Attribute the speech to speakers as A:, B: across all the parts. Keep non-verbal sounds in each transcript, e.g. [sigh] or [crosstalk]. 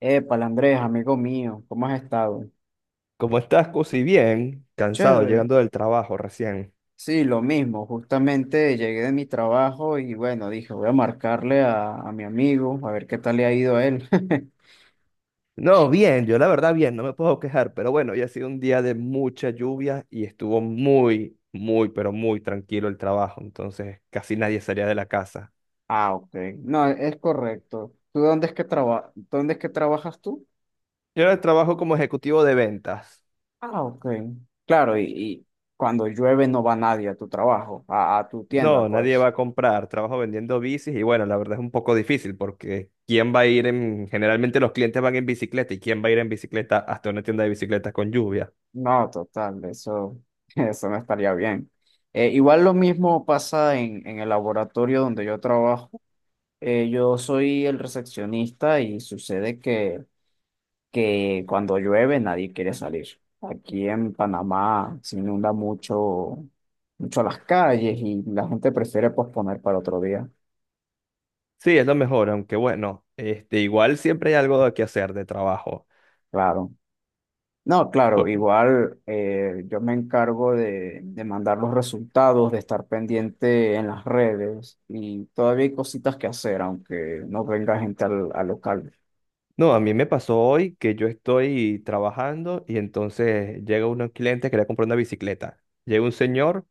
A: Épale, Andrés, amigo mío, ¿cómo has estado?
B: ¿Cómo estás, Cusi? Bien, cansado,
A: Chévere.
B: llegando del trabajo recién.
A: Sí, lo mismo, justamente llegué de mi trabajo y bueno, dije, voy a marcarle a mi amigo, a ver qué tal le ha ido a él. [laughs]
B: No, bien, yo la verdad bien, no me puedo quejar, pero bueno, hoy ha sido un día de mucha lluvia y estuvo muy, muy, pero muy tranquilo el trabajo, entonces casi nadie salía de la casa.
A: Ah, ok. No, es correcto. ¿Tú dónde es que dónde es que trabajas tú?
B: Yo ahora trabajo como ejecutivo de ventas.
A: Ah, ok. Claro, y cuando llueve no va nadie a tu trabajo, a tu tienda,
B: No, nadie va
A: pues.
B: a comprar, trabajo vendiendo bicis y bueno, la verdad es un poco difícil porque ¿quién va a ir en...? Generalmente los clientes van en bicicleta y ¿quién va a ir en bicicleta hasta una tienda de bicicletas con lluvia?
A: No, total, eso, [laughs] eso no estaría bien. Igual lo mismo pasa en el laboratorio donde yo trabajo. Yo soy el recepcionista y sucede que cuando llueve nadie quiere salir. Aquí en Panamá se inunda mucho, mucho las calles y la gente prefiere posponer para otro día.
B: Sí, es lo mejor, aunque bueno, este, igual siempre hay algo que hacer de trabajo.
A: Claro. No, claro,
B: Por-
A: igual yo me encargo de mandar los resultados, de estar pendiente en las redes y todavía hay cositas que hacer, aunque no venga gente al local.
B: No, a mí me pasó hoy que yo estoy trabajando y entonces llega un cliente que quería comprar una bicicleta. Llega un señor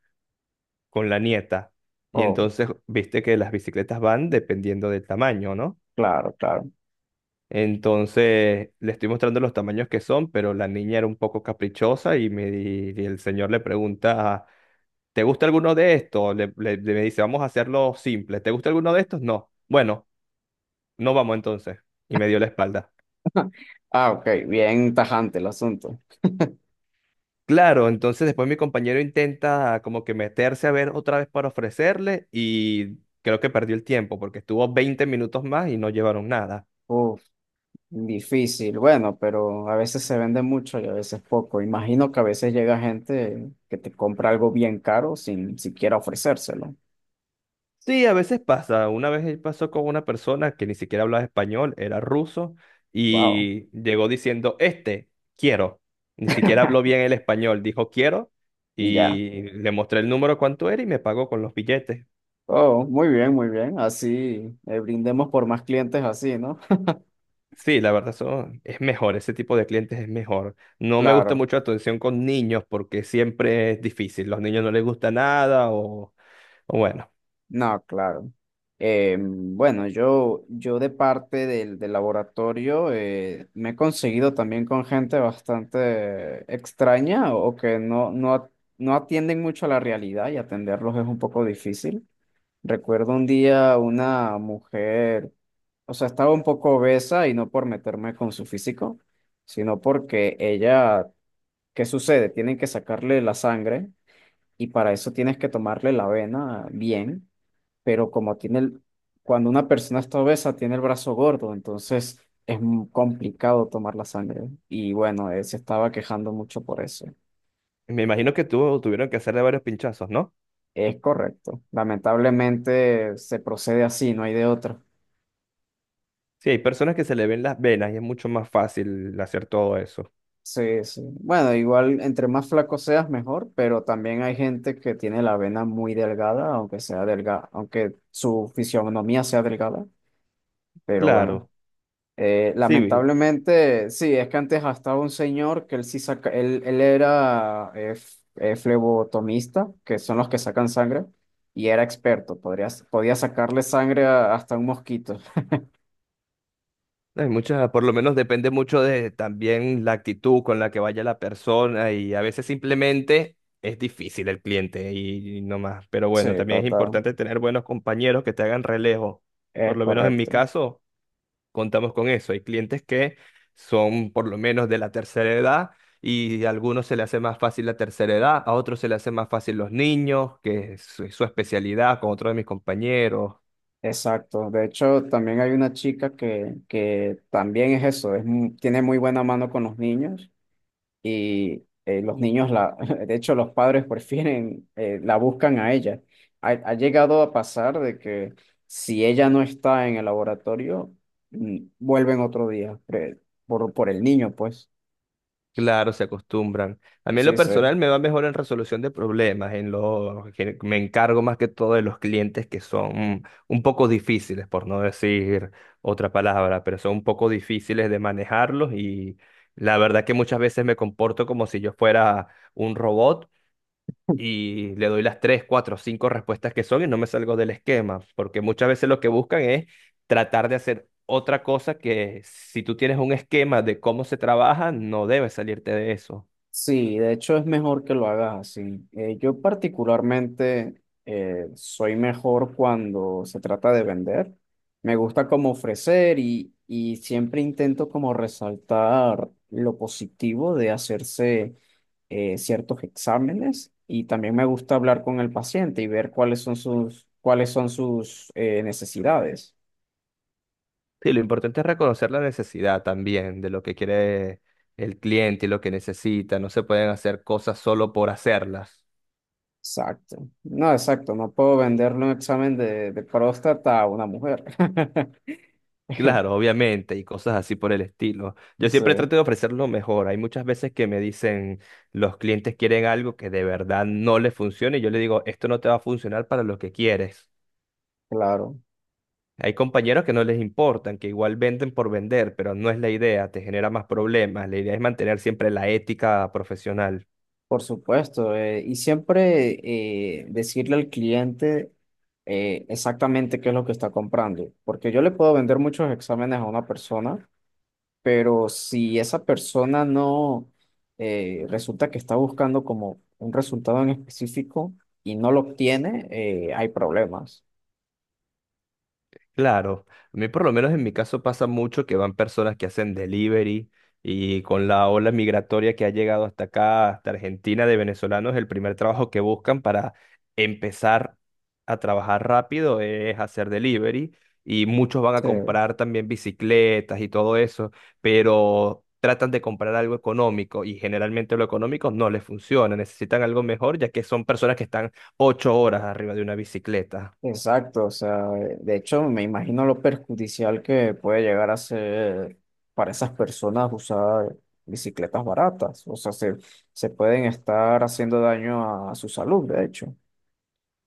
B: con la nieta y
A: Oh,
B: entonces viste que las bicicletas van dependiendo del tamaño, ¿no?
A: claro, claro.
B: Entonces le estoy mostrando los tamaños que son, pero la niña era un poco caprichosa y el señor le pregunta, ¿te gusta alguno de estos? Me dice, vamos a hacerlo simple. ¿Te gusta alguno de estos? No. Bueno, no vamos entonces. Y me dio la espalda.
A: Ah, ok, bien tajante el asunto.
B: Claro, entonces después mi compañero intenta como que meterse a ver otra vez para ofrecerle y creo que perdió el tiempo porque estuvo 20 minutos más y no llevaron nada.
A: Uf. Difícil, bueno, pero a veces se vende mucho y a veces poco. Imagino que a veces llega gente que te compra algo bien caro sin siquiera ofrecérselo.
B: Sí, a veces pasa. Una vez pasó con una persona que ni siquiera hablaba español, era ruso,
A: Wow.
B: y llegó diciendo, este, quiero. Ni siquiera habló bien el español, dijo quiero,
A: Y ya.
B: y le mostré el número cuánto era y me pagó con los billetes.
A: Oh, muy bien, muy bien. Así brindemos por más clientes así, ¿no? [laughs]
B: Sí, la verdad, eso es mejor, ese tipo de clientes es mejor. No me gusta
A: Claro.
B: mucho la atención con niños porque siempre es difícil. Los niños no les gusta nada o bueno,
A: No, claro. Bueno, yo de parte del laboratorio me he conseguido también con gente bastante extraña o que no atienden mucho a la realidad y atenderlos es un poco difícil. Recuerdo un día una mujer, o sea, estaba un poco obesa y no por meterme con su físico, sino porque ella, ¿qué sucede? Tienen que sacarle la sangre y para eso tienes que tomarle la vena bien, pero como tiene el, cuando una persona está obesa, tiene el brazo gordo, entonces es muy complicado tomar la sangre. Y bueno, él se estaba quejando mucho por eso.
B: me imagino que tú tuvieron que hacerle varios pinchazos, ¿no?
A: Es correcto. Lamentablemente se procede así, no hay de otra.
B: Sí, hay personas que se le ven las venas y es mucho más fácil hacer todo eso.
A: Sí, sí. Bueno, igual entre más flaco seas, mejor, pero también hay gente que tiene la vena muy delgada, aunque sea delgada, aunque su fisionomía sea delgada, pero bueno.
B: Claro, sí, vi.
A: Lamentablemente, sí, es que antes estaba un señor que él sí saca, él era flebotomista, que son los que sacan sangre, y era experto, podía sacarle sangre hasta un mosquito. [laughs]
B: Hay muchas, por lo menos depende mucho de también la actitud con la que vaya la persona y a veces simplemente es difícil el cliente y no más. Pero
A: Sí,
B: bueno, también es
A: total,
B: importante tener buenos compañeros que te hagan relevo. Por
A: es
B: lo menos en mi
A: correcto.
B: caso, contamos con eso. Hay clientes que son por lo menos de la tercera edad y a algunos se le hace más fácil la tercera edad, a otros se le hace más fácil los niños, que es su, su especialidad, con otros de mis compañeros.
A: Exacto. De hecho, también hay una chica que también es eso, tiene muy buena mano con los niños y los niños, la, [laughs] de hecho, los padres prefieren, la buscan a ella. Ha llegado a pasar de que si ella no está en el laboratorio, vuelven otro día, por el niño, pues.
B: Claro, se acostumbran. A mí en lo
A: Sí, sí.
B: personal me va mejor en resolución de problemas, en lo que me encargo más que todo de los clientes que son un poco difíciles, por no decir otra palabra, pero son un poco difíciles de manejarlos y la verdad que muchas veces me comporto como si yo fuera un robot y le doy las tres, cuatro, cinco respuestas que son y no me salgo del esquema, porque muchas veces lo que buscan es tratar de hacer otra cosa que si tú tienes un esquema de cómo se trabaja, no debes salirte de eso.
A: Sí, de hecho es mejor que lo hagas así. Yo particularmente soy mejor cuando se trata de vender. Me gusta como ofrecer y siempre intento como resaltar lo positivo de hacerse ciertos exámenes y también me gusta hablar con el paciente y ver cuáles son sus necesidades.
B: Sí, lo importante es reconocer la necesidad también de lo que quiere el cliente y lo que necesita. No se pueden hacer cosas solo por hacerlas.
A: Exacto. No, exacto. No puedo venderle un examen de próstata a una mujer. [laughs]
B: Claro, obviamente, y cosas así por el estilo. Yo
A: Sí,
B: siempre trato de ofrecer lo mejor. Hay muchas veces que me dicen, los clientes quieren algo que de verdad no les funcione, y yo le digo, esto no te va a funcionar para lo que quieres.
A: claro.
B: Hay compañeros que no les importan, que igual venden por vender, pero no es la idea, te genera más problemas. La idea es mantener siempre la ética profesional.
A: Por supuesto. Y siempre decirle al cliente exactamente qué es lo que está comprando. Porque yo le puedo vender muchos exámenes a una persona pero si esa persona no resulta que está buscando como un resultado en específico y no lo obtiene, hay problemas.
B: Claro, a mí por lo menos en mi caso pasa mucho que van personas que hacen delivery y con la ola migratoria que ha llegado hasta acá, hasta Argentina, de venezolanos, el primer trabajo que buscan para empezar a trabajar rápido es hacer delivery y muchos van a
A: Sí,
B: comprar también bicicletas y todo eso, pero tratan de comprar algo económico y generalmente lo económico no les funciona, necesitan algo mejor ya que son personas que están 8 horas arriba de una bicicleta.
A: exacto. O sea, de hecho, me imagino lo perjudicial que puede llegar a ser para esas personas usar bicicletas baratas. O sea, se pueden estar haciendo daño a, su salud, de hecho.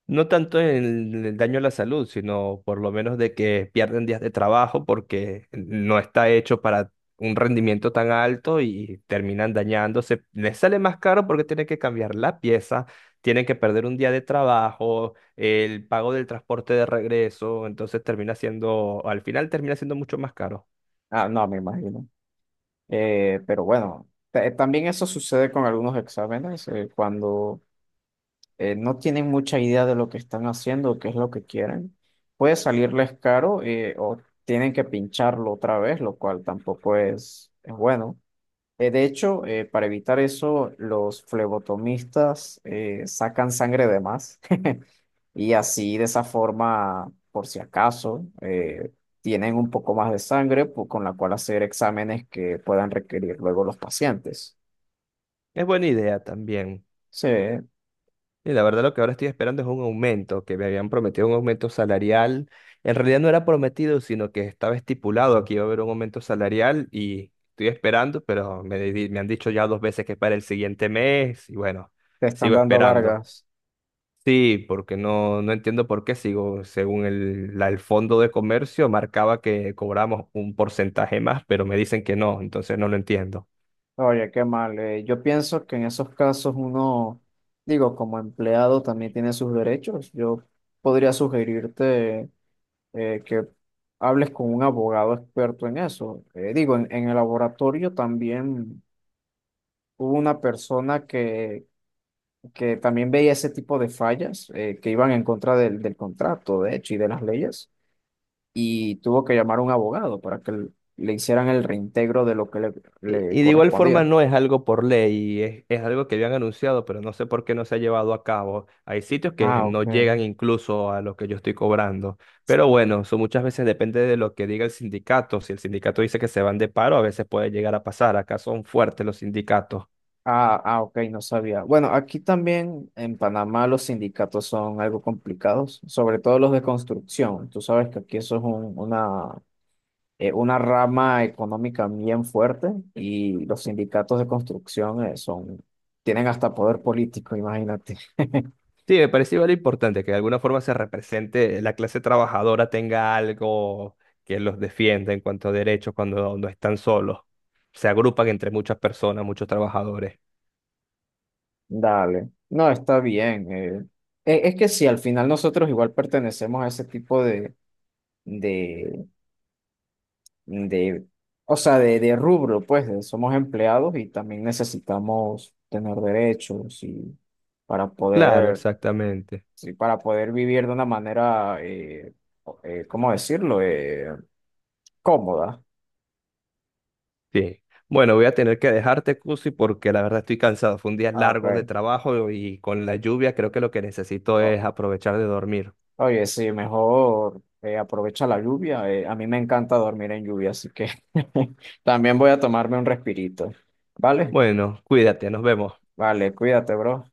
B: No tanto en el daño a la salud, sino por lo menos de que pierden días de trabajo porque no está hecho para un rendimiento tan alto y terminan dañándose. Les sale más caro porque tienen que cambiar la pieza, tienen que perder un día de trabajo, el pago del transporte de regreso, entonces termina siendo, al final termina siendo mucho más caro.
A: Ah, no, me imagino. Pero bueno, también eso sucede con algunos exámenes, cuando no tienen mucha idea de lo que están haciendo o qué es lo que quieren. Puede salirles caro o tienen que pincharlo otra vez, lo cual tampoco es bueno. De hecho, para evitar eso, los flebotomistas sacan sangre de más [laughs] y así de esa forma, por si acaso, tienen un poco más de sangre con la cual hacer exámenes que puedan requerir luego los pacientes.
B: Es buena idea también.
A: Sí, te
B: Y la verdad lo que ahora estoy esperando es un aumento, que me habían prometido un aumento salarial. En realidad no era prometido, sino que estaba estipulado que iba a haber un aumento salarial y estoy esperando, pero me han dicho ya dos veces que es para el siguiente mes y bueno,
A: están
B: sigo
A: dando
B: esperando.
A: largas.
B: Sí, porque no entiendo por qué sigo. Según el fondo de comercio marcaba que cobramos un porcentaje más, pero me dicen que no, entonces no lo entiendo.
A: Oye, qué mal. Yo pienso que en esos casos uno, digo, como empleado también tiene sus derechos. Yo podría sugerirte que hables con un abogado experto en eso. Digo, en el laboratorio también hubo una persona que también veía ese tipo de fallas que iban en contra del contrato, de hecho, y de las leyes, y tuvo que llamar a un abogado para que le hicieran el reintegro de lo que
B: Y,
A: le
B: y de igual forma
A: correspondía.
B: no es algo por ley, es algo que habían anunciado, pero no sé por qué no se ha llevado a cabo. Hay sitios que
A: Ah,
B: no
A: ok.
B: llegan incluso a lo que yo estoy cobrando. Pero bueno, eso muchas veces depende de lo que diga el sindicato. Si el sindicato dice que se van de paro, a veces puede llegar a pasar. Acá son fuertes los sindicatos.
A: Ah, ah, ok, no sabía. Bueno, aquí también en Panamá los sindicatos son algo complicados, sobre todo los de construcción. Tú sabes que aquí eso es una rama económica bien fuerte y los sindicatos de construcción son, tienen hasta poder político, imagínate. [laughs]
B: Sí, me parece igual importante que de alguna forma se represente, la clase trabajadora tenga algo que los defienda en cuanto a derechos cuando no están solos. Se agrupan entre muchas personas, muchos trabajadores.
A: Dale. No, está bien. Es que sí, al final nosotros igual pertenecemos a ese tipo de, o sea, de rubro, pues, somos empleados y también necesitamos tener derechos y para
B: Claro,
A: poder,
B: exactamente.
A: sí, para poder vivir de una manera, ¿cómo decirlo? Cómoda.
B: Sí. Bueno, voy a tener que dejarte, Cusi, porque la verdad estoy cansado. Fue un día
A: Ah, ok.
B: largo de trabajo y con la lluvia creo que lo que necesito
A: O-
B: es aprovechar de dormir.
A: Oye, sí, mejor aprovecha la lluvia. A mí me encanta dormir en lluvia, así que [laughs] también voy a tomarme un respirito. ¿Vale?
B: Bueno, cuídate, nos vemos.
A: Vale, cuídate, bro.